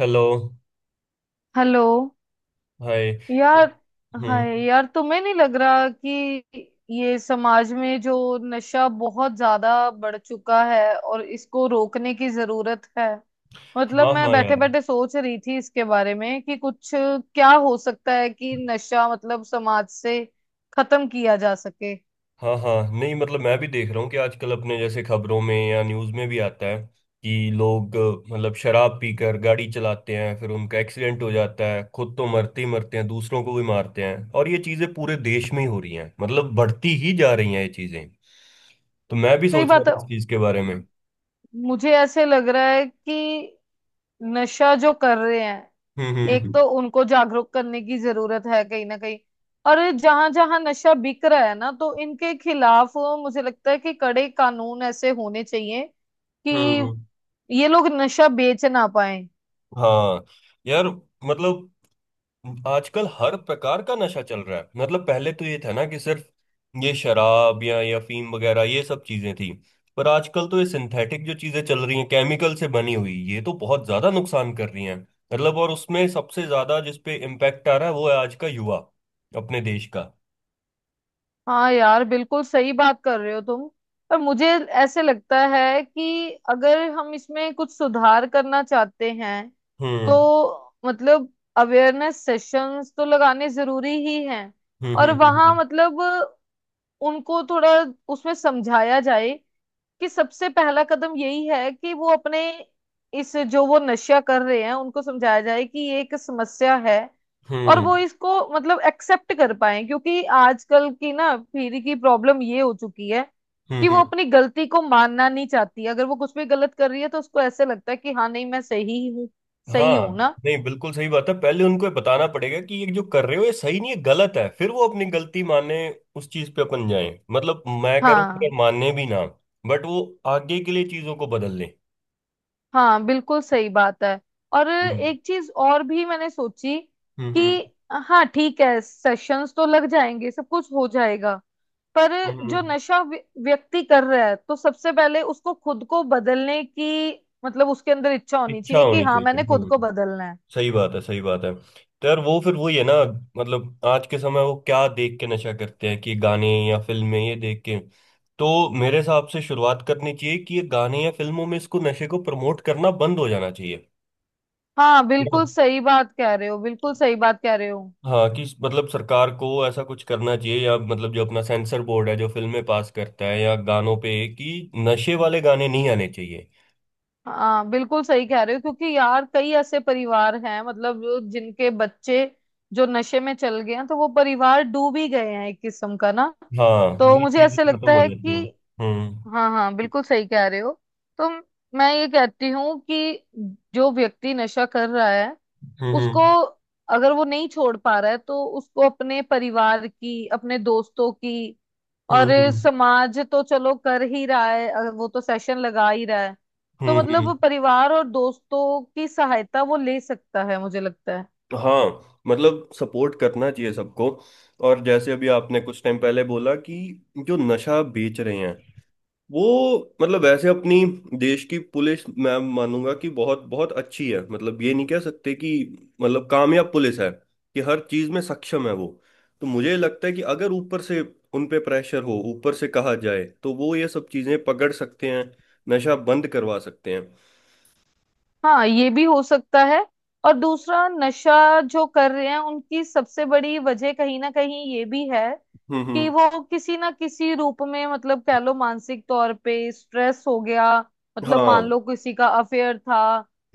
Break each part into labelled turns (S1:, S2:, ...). S1: Hello.
S2: Hello
S1: hi.
S2: यार।
S1: हम्म।
S2: Hi यार, तुम्हें नहीं लग रहा कि ये समाज में जो नशा बहुत ज्यादा बढ़ चुका है और इसको रोकने की जरूरत है। मतलब
S1: हाँ
S2: मैं
S1: हाँ
S2: बैठे
S1: यार।
S2: बैठे सोच रही थी इसके बारे में कि कुछ क्या हो सकता है कि नशा मतलब समाज से खत्म किया जा सके।
S1: हाँ हाँ नहीं, मतलब मैं भी देख रहा हूँ कि आजकल अपने जैसे खबरों में या न्यूज़ में भी आता है कि लोग मतलब शराब पीकर गाड़ी चलाते हैं, फिर उनका एक्सीडेंट हो जाता है, खुद तो मरते ही मरते हैं दूसरों को भी मारते हैं। और ये चीज़ें पूरे देश में ही हो रही हैं, मतलब बढ़ती ही जा रही हैं ये चीज़ें। तो मैं भी
S2: सही
S1: सोच रहा
S2: बात
S1: था
S2: है।
S1: इस चीज़ के बारे में।
S2: मुझे ऐसे लग रहा है कि नशा जो कर रहे हैं,
S1: हम्म।
S2: एक
S1: हम्म।
S2: तो उनको जागरूक करने की जरूरत है कहीं ना कहीं। और जहां जहां नशा बिक रहा है ना, तो इनके खिलाफ मुझे लगता है कि कड़े कानून ऐसे होने चाहिए कि
S1: हम्म।
S2: ये लोग नशा बेच ना पाए।
S1: हाँ यार। मतलब आजकल हर प्रकार का नशा चल रहा है, मतलब पहले तो ये था ना कि सिर्फ ये शराब या अफीम वगैरह ये सब चीजें थी। पर आजकल तो ये सिंथेटिक जो चीजें चल रही हैं केमिकल से बनी हुई, ये तो बहुत ज्यादा नुकसान कर रही हैं। मतलब और उसमें सबसे ज्यादा जिस पे इम्पैक्ट आ रहा है वो है आज का युवा, अपने देश का।
S2: हाँ यार, बिल्कुल सही बात कर रहे हो तुम। पर मुझे ऐसे लगता है कि अगर हम इसमें कुछ सुधार करना चाहते हैं,
S1: हम्म।
S2: तो मतलब अवेयरनेस सेशंस तो लगाने जरूरी ही हैं।
S1: हम्म।
S2: और
S1: हम्म।
S2: वहाँ
S1: हम्म।
S2: मतलब उनको थोड़ा उसमें समझाया जाए कि सबसे पहला कदम यही है कि वो अपने इस जो वो नशा कर रहे हैं, उनको समझाया जाए कि ये एक समस्या है।
S1: हम्म।
S2: और
S1: हम्म।
S2: वो इसको मतलब एक्सेप्ट कर पाए, क्योंकि आजकल की ना पीढ़ी की प्रॉब्लम ये हो चुकी है
S1: हम्म।
S2: कि वो
S1: हम्म।
S2: अपनी गलती को मानना नहीं चाहती। अगर वो कुछ भी गलत कर रही है, तो उसको ऐसे लगता है कि हाँ नहीं मैं सही ही हूँ। सही
S1: हाँ
S2: हूँ ना।
S1: नहीं, बिल्कुल सही बात है। पहले उनको ये बताना पड़ेगा कि ये जो कर रहे हो ये सही नहीं है, गलत है, फिर वो अपनी गलती माने, उस चीज पे अपन जाए। मतलब मैं कह रहा हूँ अगर
S2: हाँ
S1: माने भी ना, बट वो आगे के लिए चीजों को बदल ले।
S2: हाँ, बिल्कुल सही बात है। और
S1: हम्म।
S2: एक चीज और भी मैंने सोची
S1: हम्म। हम्म।
S2: कि हाँ ठीक है, सेशंस तो लग जाएंगे, सब कुछ हो जाएगा, पर
S1: हम्म।
S2: जो
S1: हम्म।
S2: नशा व्यक्ति कर रहा है, तो सबसे पहले उसको खुद को बदलने की मतलब उसके अंदर इच्छा होनी
S1: इच्छा
S2: चाहिए कि
S1: होनी
S2: हाँ
S1: चाहिए।
S2: मैंने खुद को
S1: हम्म।
S2: बदलना है।
S1: सही बात है, सही बात है। तो यार वो फिर वही है ना, मतलब आज के समय वो क्या देख के नशा करते हैं? कि गाने या फिल्में ये देख के। तो मेरे हिसाब से शुरुआत करनी चाहिए कि ये गाने या फिल्मों में इसको नशे को प्रमोट करना बंद हो जाना चाहिए।
S2: हाँ बिल्कुल
S1: हाँ।
S2: सही बात कह रहे हो, बिल्कुल सही बात कह रहे हो।
S1: हाँ, कि मतलब सरकार को ऐसा कुछ करना चाहिए, या मतलब जो अपना सेंसर बोर्ड है जो फिल्में पास करता है या गानों पे, कि नशे वाले गाने नहीं आने चाहिए।
S2: हाँ बिल्कुल सही कह रहे हो, क्योंकि यार कई ऐसे परिवार हैं, मतलब जो जिनके बच्चे जो नशे में चल गए हैं, तो वो परिवार डूब ही गए हैं एक किस्म का ना।
S1: हाँ,
S2: तो
S1: ये
S2: मुझे
S1: चीजें
S2: ऐसे
S1: खत्म
S2: लगता
S1: हो
S2: है
S1: जाती
S2: कि
S1: हैं। हम्म।
S2: हाँ हाँ, बिल्कुल सही कह रहे हो। तो मैं ये कहती हूँ कि जो व्यक्ति नशा कर रहा है,
S1: हम्म।
S2: उसको,
S1: हम्म।
S2: अगर वो नहीं छोड़ पा रहा है तो उसको अपने परिवार की, अपने दोस्तों की
S1: हम्म।
S2: और
S1: हम्म।
S2: समाज तो चलो कर ही रहा है, अगर वो तो सेशन लगा ही रहा है। तो
S1: हम्म। हम्म।
S2: मतलब परिवार और दोस्तों की सहायता वो ले सकता है, मुझे लगता है।
S1: हाँ, मतलब सपोर्ट करना चाहिए सबको। और जैसे अभी आपने कुछ टाइम पहले बोला कि जो नशा बेच रहे हैं, वो मतलब वैसे अपनी देश की पुलिस मैं मानूंगा कि बहुत बहुत अच्छी है, मतलब ये नहीं कह सकते कि मतलब कामयाब पुलिस है कि हर चीज में सक्षम है वो। तो मुझे लगता है कि अगर ऊपर से उन पे प्रेशर हो, ऊपर से कहा जाए तो वो ये सब चीजें पकड़ सकते हैं, नशा बंद करवा सकते हैं।
S2: हाँ, ये भी हो सकता है। और दूसरा, नशा जो कर रहे हैं उनकी सबसे बड़ी वजह कहीं ना कहीं ये भी है
S1: हम्म।
S2: कि
S1: हम्म।
S2: वो किसी ना किसी रूप में मतलब कह लो मानसिक तौर पे स्ट्रेस हो गया। मतलब मान
S1: हाँ।
S2: लो किसी का अफेयर था,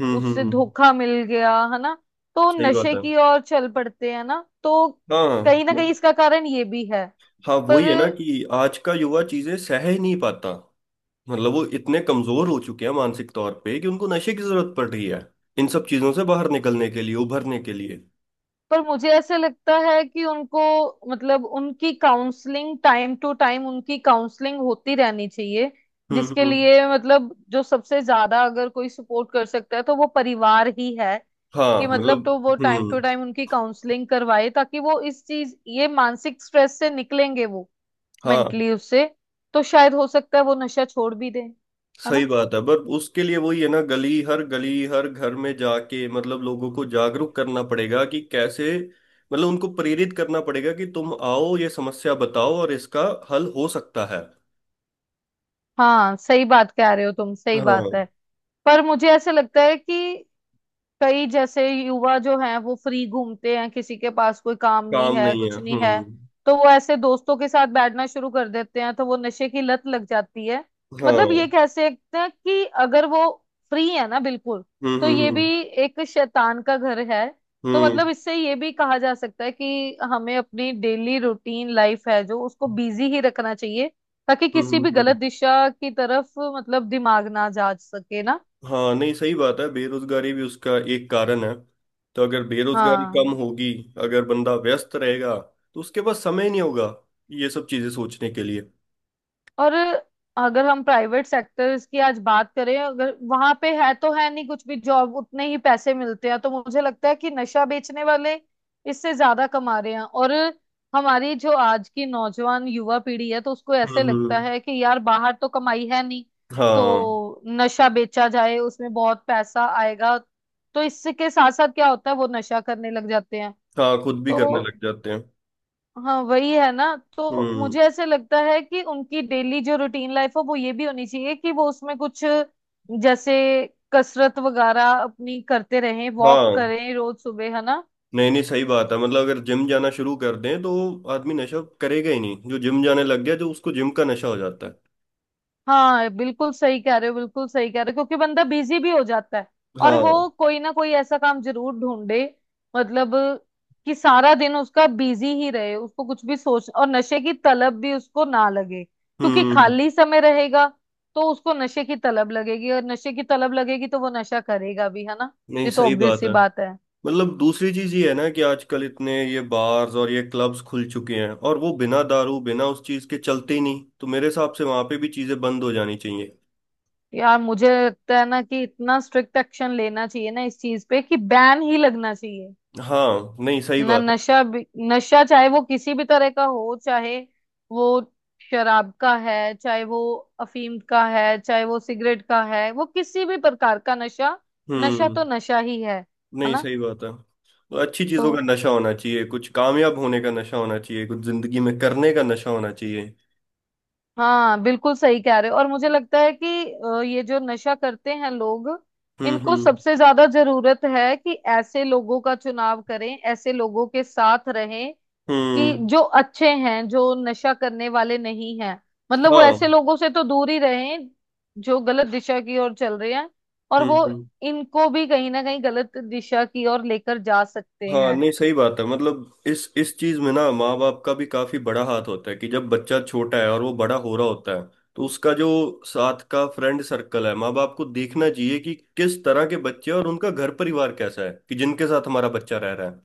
S1: हम्म।
S2: उससे
S1: हम्म। हम्म।
S2: धोखा मिल गया है ना, तो
S1: सही बात
S2: नशे
S1: है।
S2: की ओर चल पड़ते हैं ना। तो
S1: हाँ।
S2: कहीं ना कहीं इसका कारण ये भी है।
S1: हाँ
S2: पर
S1: वही है ना कि आज का युवा चीजें सह ही नहीं पाता। मतलब वो इतने कमजोर हो चुके हैं मानसिक तौर पे कि उनको नशे की जरूरत पड़ रही है, इन सब चीजों से बाहर निकलने के लिए, उभरने के लिए।
S2: पर मुझे ऐसा लगता है कि उनको मतलब उनकी काउंसलिंग, टाइम टू टाइम उनकी काउंसलिंग होती रहनी चाहिए,
S1: हम्म।
S2: जिसके
S1: हम्म।
S2: लिए मतलब जो सबसे ज्यादा अगर कोई सपोर्ट कर सकता है तो वो परिवार ही है।
S1: हाँ,
S2: कि मतलब
S1: मतलब।
S2: तो वो टाइम टू
S1: हम्म।
S2: टाइम उनकी काउंसलिंग करवाए, ताकि वो इस चीज, ये मानसिक स्ट्रेस से निकलेंगे वो,
S1: हाँ
S2: मेंटली उससे। तो शायद हो सकता है वो नशा छोड़ भी दें, है ना।
S1: सही बात है, पर उसके लिए वही है ना, गली हर घर में जाके मतलब लोगों को जागरूक करना पड़ेगा कि कैसे, मतलब उनको प्रेरित करना पड़ेगा कि तुम आओ ये समस्या बताओ और इसका हल हो सकता है।
S2: हाँ सही बात कह रहे हो तुम, सही बात
S1: हाँ।
S2: है। पर मुझे ऐसा लगता है कि कई जैसे युवा जो हैं, वो फ्री घूमते हैं, किसी के पास कोई काम नहीं
S1: काम
S2: है,
S1: नहीं है।
S2: कुछ नहीं है।
S1: हम्म।
S2: तो वो ऐसे दोस्तों के साथ बैठना शुरू कर देते हैं, तो वो नशे की लत लग जाती है। मतलब ये
S1: हाँ।
S2: कह सकते हैं कि अगर वो फ्री है ना बिल्कुल,
S1: हम्म।
S2: तो ये भी
S1: हम्म।
S2: एक शैतान का घर है। तो
S1: हम्म।
S2: मतलब
S1: हम्म।
S2: इससे ये भी कहा जा सकता है कि हमें अपनी डेली रूटीन लाइफ है, जो उसको बिजी ही रखना चाहिए, ताकि
S1: हम्म।
S2: किसी
S1: हम्म।
S2: भी
S1: हम्म।
S2: गलत दिशा की तरफ मतलब दिमाग ना जा सके ना।
S1: हाँ नहीं, सही बात है, बेरोजगारी भी उसका एक कारण है। तो अगर बेरोजगारी कम
S2: हाँ।
S1: होगी, अगर बंदा व्यस्त रहेगा, तो उसके पास समय नहीं होगा ये सब चीजें सोचने के लिए।
S2: और अगर हम प्राइवेट सेक्टर्स की आज बात करें, अगर वहां पे है तो है नहीं, कुछ भी जॉब उतने ही पैसे मिलते हैं, तो मुझे लगता है कि नशा बेचने वाले इससे ज्यादा कमा रहे हैं। और हमारी जो आज की नौजवान युवा पीढ़ी है, तो उसको
S1: हम्म।
S2: ऐसे लगता
S1: हम्म।
S2: है कि यार बाहर तो कमाई है नहीं,
S1: हाँ।
S2: तो नशा बेचा जाए, उसमें बहुत पैसा आएगा। तो इसके साथ साथ क्या होता है, वो नशा करने लग जाते हैं।
S1: हाँ, खुद भी
S2: तो
S1: करने लग जाते हैं।
S2: हाँ वही है ना, तो
S1: हम्म।
S2: मुझे ऐसे लगता है कि उनकी डेली जो रूटीन लाइफ हो, वो ये भी होनी चाहिए कि वो उसमें कुछ जैसे कसरत वगैरह अपनी करते रहें, वॉक
S1: हाँ।
S2: करें रोज सुबह, है ना।
S1: नहीं नहीं सही बात है, मतलब अगर जिम जाना शुरू कर दें तो आदमी नशा करेगा ही नहीं। जो जिम जाने लग गया, जो उसको जिम का नशा हो जाता है।
S2: हाँ बिल्कुल सही कह रहे हो, बिल्कुल सही कह रहे हो, क्योंकि बंदा बिजी भी हो जाता है। और
S1: हाँ।
S2: वो कोई ना कोई ऐसा काम जरूर ढूंढे मतलब, कि सारा दिन उसका बिजी ही रहे, उसको कुछ भी सोच, और नशे की तलब भी उसको ना लगे, क्योंकि
S1: हम्म।
S2: खाली समय रहेगा तो उसको नशे की तलब लगेगी, और नशे की तलब लगेगी तो वो नशा करेगा भी, है ना।
S1: नहीं
S2: ये तो
S1: सही
S2: ऑब्वियस
S1: बात
S2: सी
S1: है,
S2: बात है।
S1: मतलब दूसरी चीज ये है ना कि आजकल इतने ये बार्स और ये क्लब्स खुल चुके हैं और वो बिना दारू बिना उस चीज के चलते ही नहीं, तो मेरे हिसाब से वहां पे भी चीजें बंद हो जानी चाहिए।
S2: यार मुझे लगता है ना कि इतना स्ट्रिक्ट एक्शन लेना चाहिए ना इस चीज पे, कि बैन ही लगना चाहिए
S1: हाँ। नहीं सही
S2: ना।
S1: बात है।
S2: नशा भी, नशा चाहे वो किसी भी तरह का हो, चाहे वो शराब का है, चाहे वो अफीम का है, चाहे वो सिगरेट का है, वो किसी भी प्रकार का नशा, नशा
S1: हम्म।
S2: तो नशा ही है
S1: नहीं
S2: ना।
S1: सही बात है, तो अच्छी
S2: तो
S1: चीजों का नशा होना चाहिए, कुछ कामयाब होने का नशा होना चाहिए, कुछ जिंदगी में करने का नशा होना चाहिए।
S2: हाँ बिल्कुल सही कह रहे हो। और मुझे लगता है कि ये जो नशा करते हैं लोग,
S1: हम्म।
S2: इनको
S1: हम्म।
S2: सबसे ज्यादा जरूरत है कि ऐसे लोगों का चुनाव करें, ऐसे लोगों के साथ रहें कि
S1: हम्म।
S2: जो अच्छे हैं, जो नशा करने वाले नहीं हैं। मतलब वो ऐसे
S1: हाँ।
S2: लोगों से तो दूर ही रहें जो गलत दिशा की ओर चल रहे हैं, और
S1: हम्म।
S2: वो
S1: हम्म।
S2: इनको भी कहीं ना कहीं गलत दिशा की ओर लेकर जा सकते
S1: हाँ
S2: हैं।
S1: नहीं सही बात है, मतलब इस चीज में ना माँ बाप का भी काफी बड़ा हाथ होता है कि जब बच्चा छोटा है और वो बड़ा हो रहा होता है, तो उसका जो साथ का फ्रेंड सर्कल है, माँ बाप को देखना चाहिए कि किस तरह के बच्चे हैं और उनका घर परिवार कैसा है कि जिनके साथ हमारा बच्चा रह रहा है।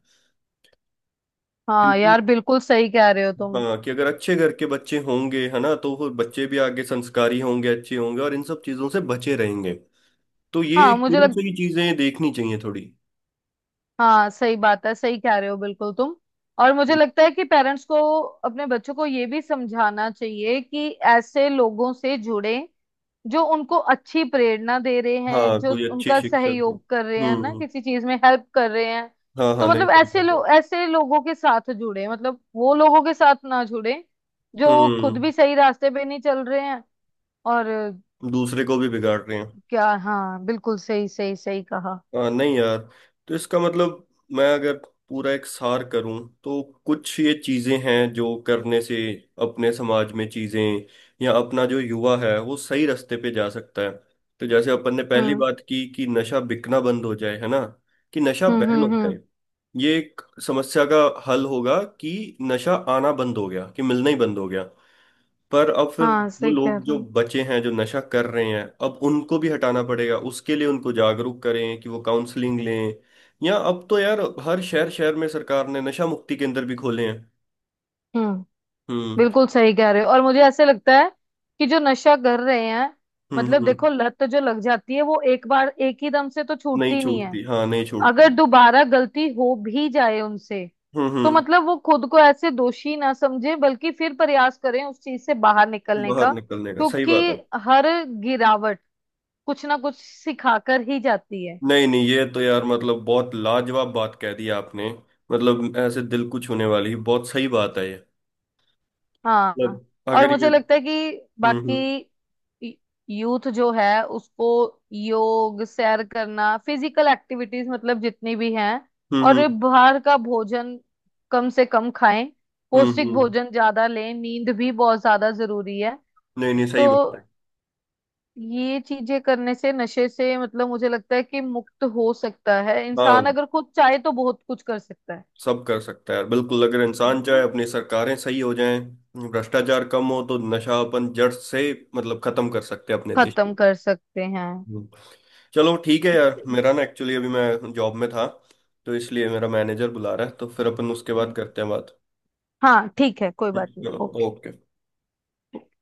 S2: हाँ
S1: क्योंकि
S2: यार, बिल्कुल सही कह रहे हो तुम।
S1: हाँ, कि अगर अच्छे घर के बच्चे होंगे है ना, तो वो बच्चे भी आगे संस्कारी होंगे, अच्छे होंगे और इन सब चीजों से बचे रहेंगे। तो ये
S2: हाँ मुझे
S1: शुरू से
S2: लगता,
S1: ही चीजें देखनी चाहिए थोड़ी।
S2: हाँ सही बात है, सही कह रहे हो बिल्कुल तुम। और मुझे लगता है कि पेरेंट्स को अपने बच्चों को ये भी समझाना चाहिए कि ऐसे लोगों से जुड़े जो उनको अच्छी प्रेरणा दे रहे हैं,
S1: हाँ
S2: जो
S1: कोई अच्छी
S2: उनका
S1: शिक्षक हो।
S2: सहयोग कर रहे हैं
S1: हम्म।
S2: ना,
S1: हम्म।
S2: किसी चीज में हेल्प कर रहे हैं।
S1: हाँ हाँ
S2: तो
S1: नहीं
S2: मतलब
S1: सही
S2: ऐसे
S1: बात है।
S2: लोग, ऐसे लोगों के साथ जुड़े, मतलब वो लोगों के साथ ना जुड़े जो खुद
S1: हम्म।
S2: भी सही रास्ते पे नहीं चल रहे हैं। और
S1: दूसरे को भी बिगाड़ रहे हैं।
S2: क्या, हाँ बिल्कुल सही, सही, सही कहा।
S1: हाँ नहीं यार, तो इसका मतलब, मैं अगर पूरा एक सार करूं तो कुछ ये चीजें हैं जो करने से अपने समाज में चीजें, या अपना जो युवा है वो सही रास्ते पे जा सकता है। तो जैसे अपन ने पहली
S2: हम्म,
S1: बात की कि नशा बिकना बंद हो जाए है ना, कि नशा
S2: हम्म,
S1: बैन हो
S2: हम्म, हम्म।
S1: जाए। ये एक समस्या का हल होगा कि नशा आना बंद हो गया, कि मिलना ही बंद हो गया। पर अब फिर
S2: हाँ
S1: वो
S2: सही कह
S1: लोग
S2: रहे
S1: जो
S2: हो।
S1: बचे हैं जो नशा कर रहे हैं, अब उनको भी हटाना पड़ेगा, उसके लिए उनको जागरूक करें कि वो काउंसलिंग लें। या अब तो यार हर शहर शहर में सरकार ने नशा मुक्ति केंद्र भी खोले हैं।
S2: हम्म,
S1: हम्म।
S2: बिल्कुल सही कह रहे हो। और मुझे ऐसे लगता है कि जो नशा कर रहे हैं,
S1: हम्म।
S2: मतलब
S1: हम्म।
S2: देखो लत जो लग जाती है, वो एक बार एक ही दम से तो
S1: नहीं
S2: छूटती नहीं है।
S1: छूटती, हाँ नहीं
S2: अगर
S1: छूटती।
S2: दोबारा गलती हो भी जाए उनसे,
S1: हम्म।
S2: तो
S1: हम्म।
S2: मतलब वो खुद को ऐसे दोषी ना समझे, बल्कि फिर प्रयास करें उस चीज से बाहर निकलने
S1: बाहर
S2: का,
S1: निकलने का सही
S2: क्योंकि
S1: बात है।
S2: हर गिरावट कुछ ना कुछ सिखाकर ही जाती है।
S1: नहीं नहीं ये तो यार मतलब बहुत लाजवाब बात कह दी आपने, मतलब ऐसे दिल को छूने वाली बहुत सही बात है ये।
S2: हाँ।
S1: मतलब
S2: और
S1: अगर ये।
S2: मुझे लगता है
S1: हम्म।
S2: कि बाकी
S1: हम्म।
S2: यूथ जो है उसको योग, सैर करना, फिजिकल एक्टिविटीज मतलब जितनी भी हैं,
S1: हम्म।
S2: और ये
S1: हम्म।
S2: बाहर का भोजन कम से कम खाएं,
S1: हम्म। हम्म।
S2: पौष्टिक
S1: हम्म। हम्म।
S2: भोजन ज्यादा लें, नींद भी बहुत ज्यादा जरूरी है।
S1: नहीं नहीं सही
S2: तो
S1: बात है।
S2: ये चीजें करने से नशे से मतलब मुझे लगता है कि मुक्त हो सकता है इंसान।
S1: हाँ
S2: अगर खुद चाहे तो बहुत कुछ कर सकता है,
S1: सब कर सकता है यार, बिल्कुल अगर इंसान चाहे, अपनी सरकारें सही हो जाएं, भ्रष्टाचार कम हो तो नशा अपन जड़ से मतलब खत्म कर सकते हैं अपने देश में।
S2: खत्म कर सकते
S1: हम्म। चलो ठीक है यार,
S2: हैं।
S1: मेरा ना एक्चुअली अभी मैं जॉब में था, तो इसलिए मेरा मैनेजर बुला रहा है, तो फिर अपन उसके बाद करते हैं बात।
S2: हाँ ठीक है, कोई बात नहीं।
S1: चलो।
S2: ओके।
S1: ओके।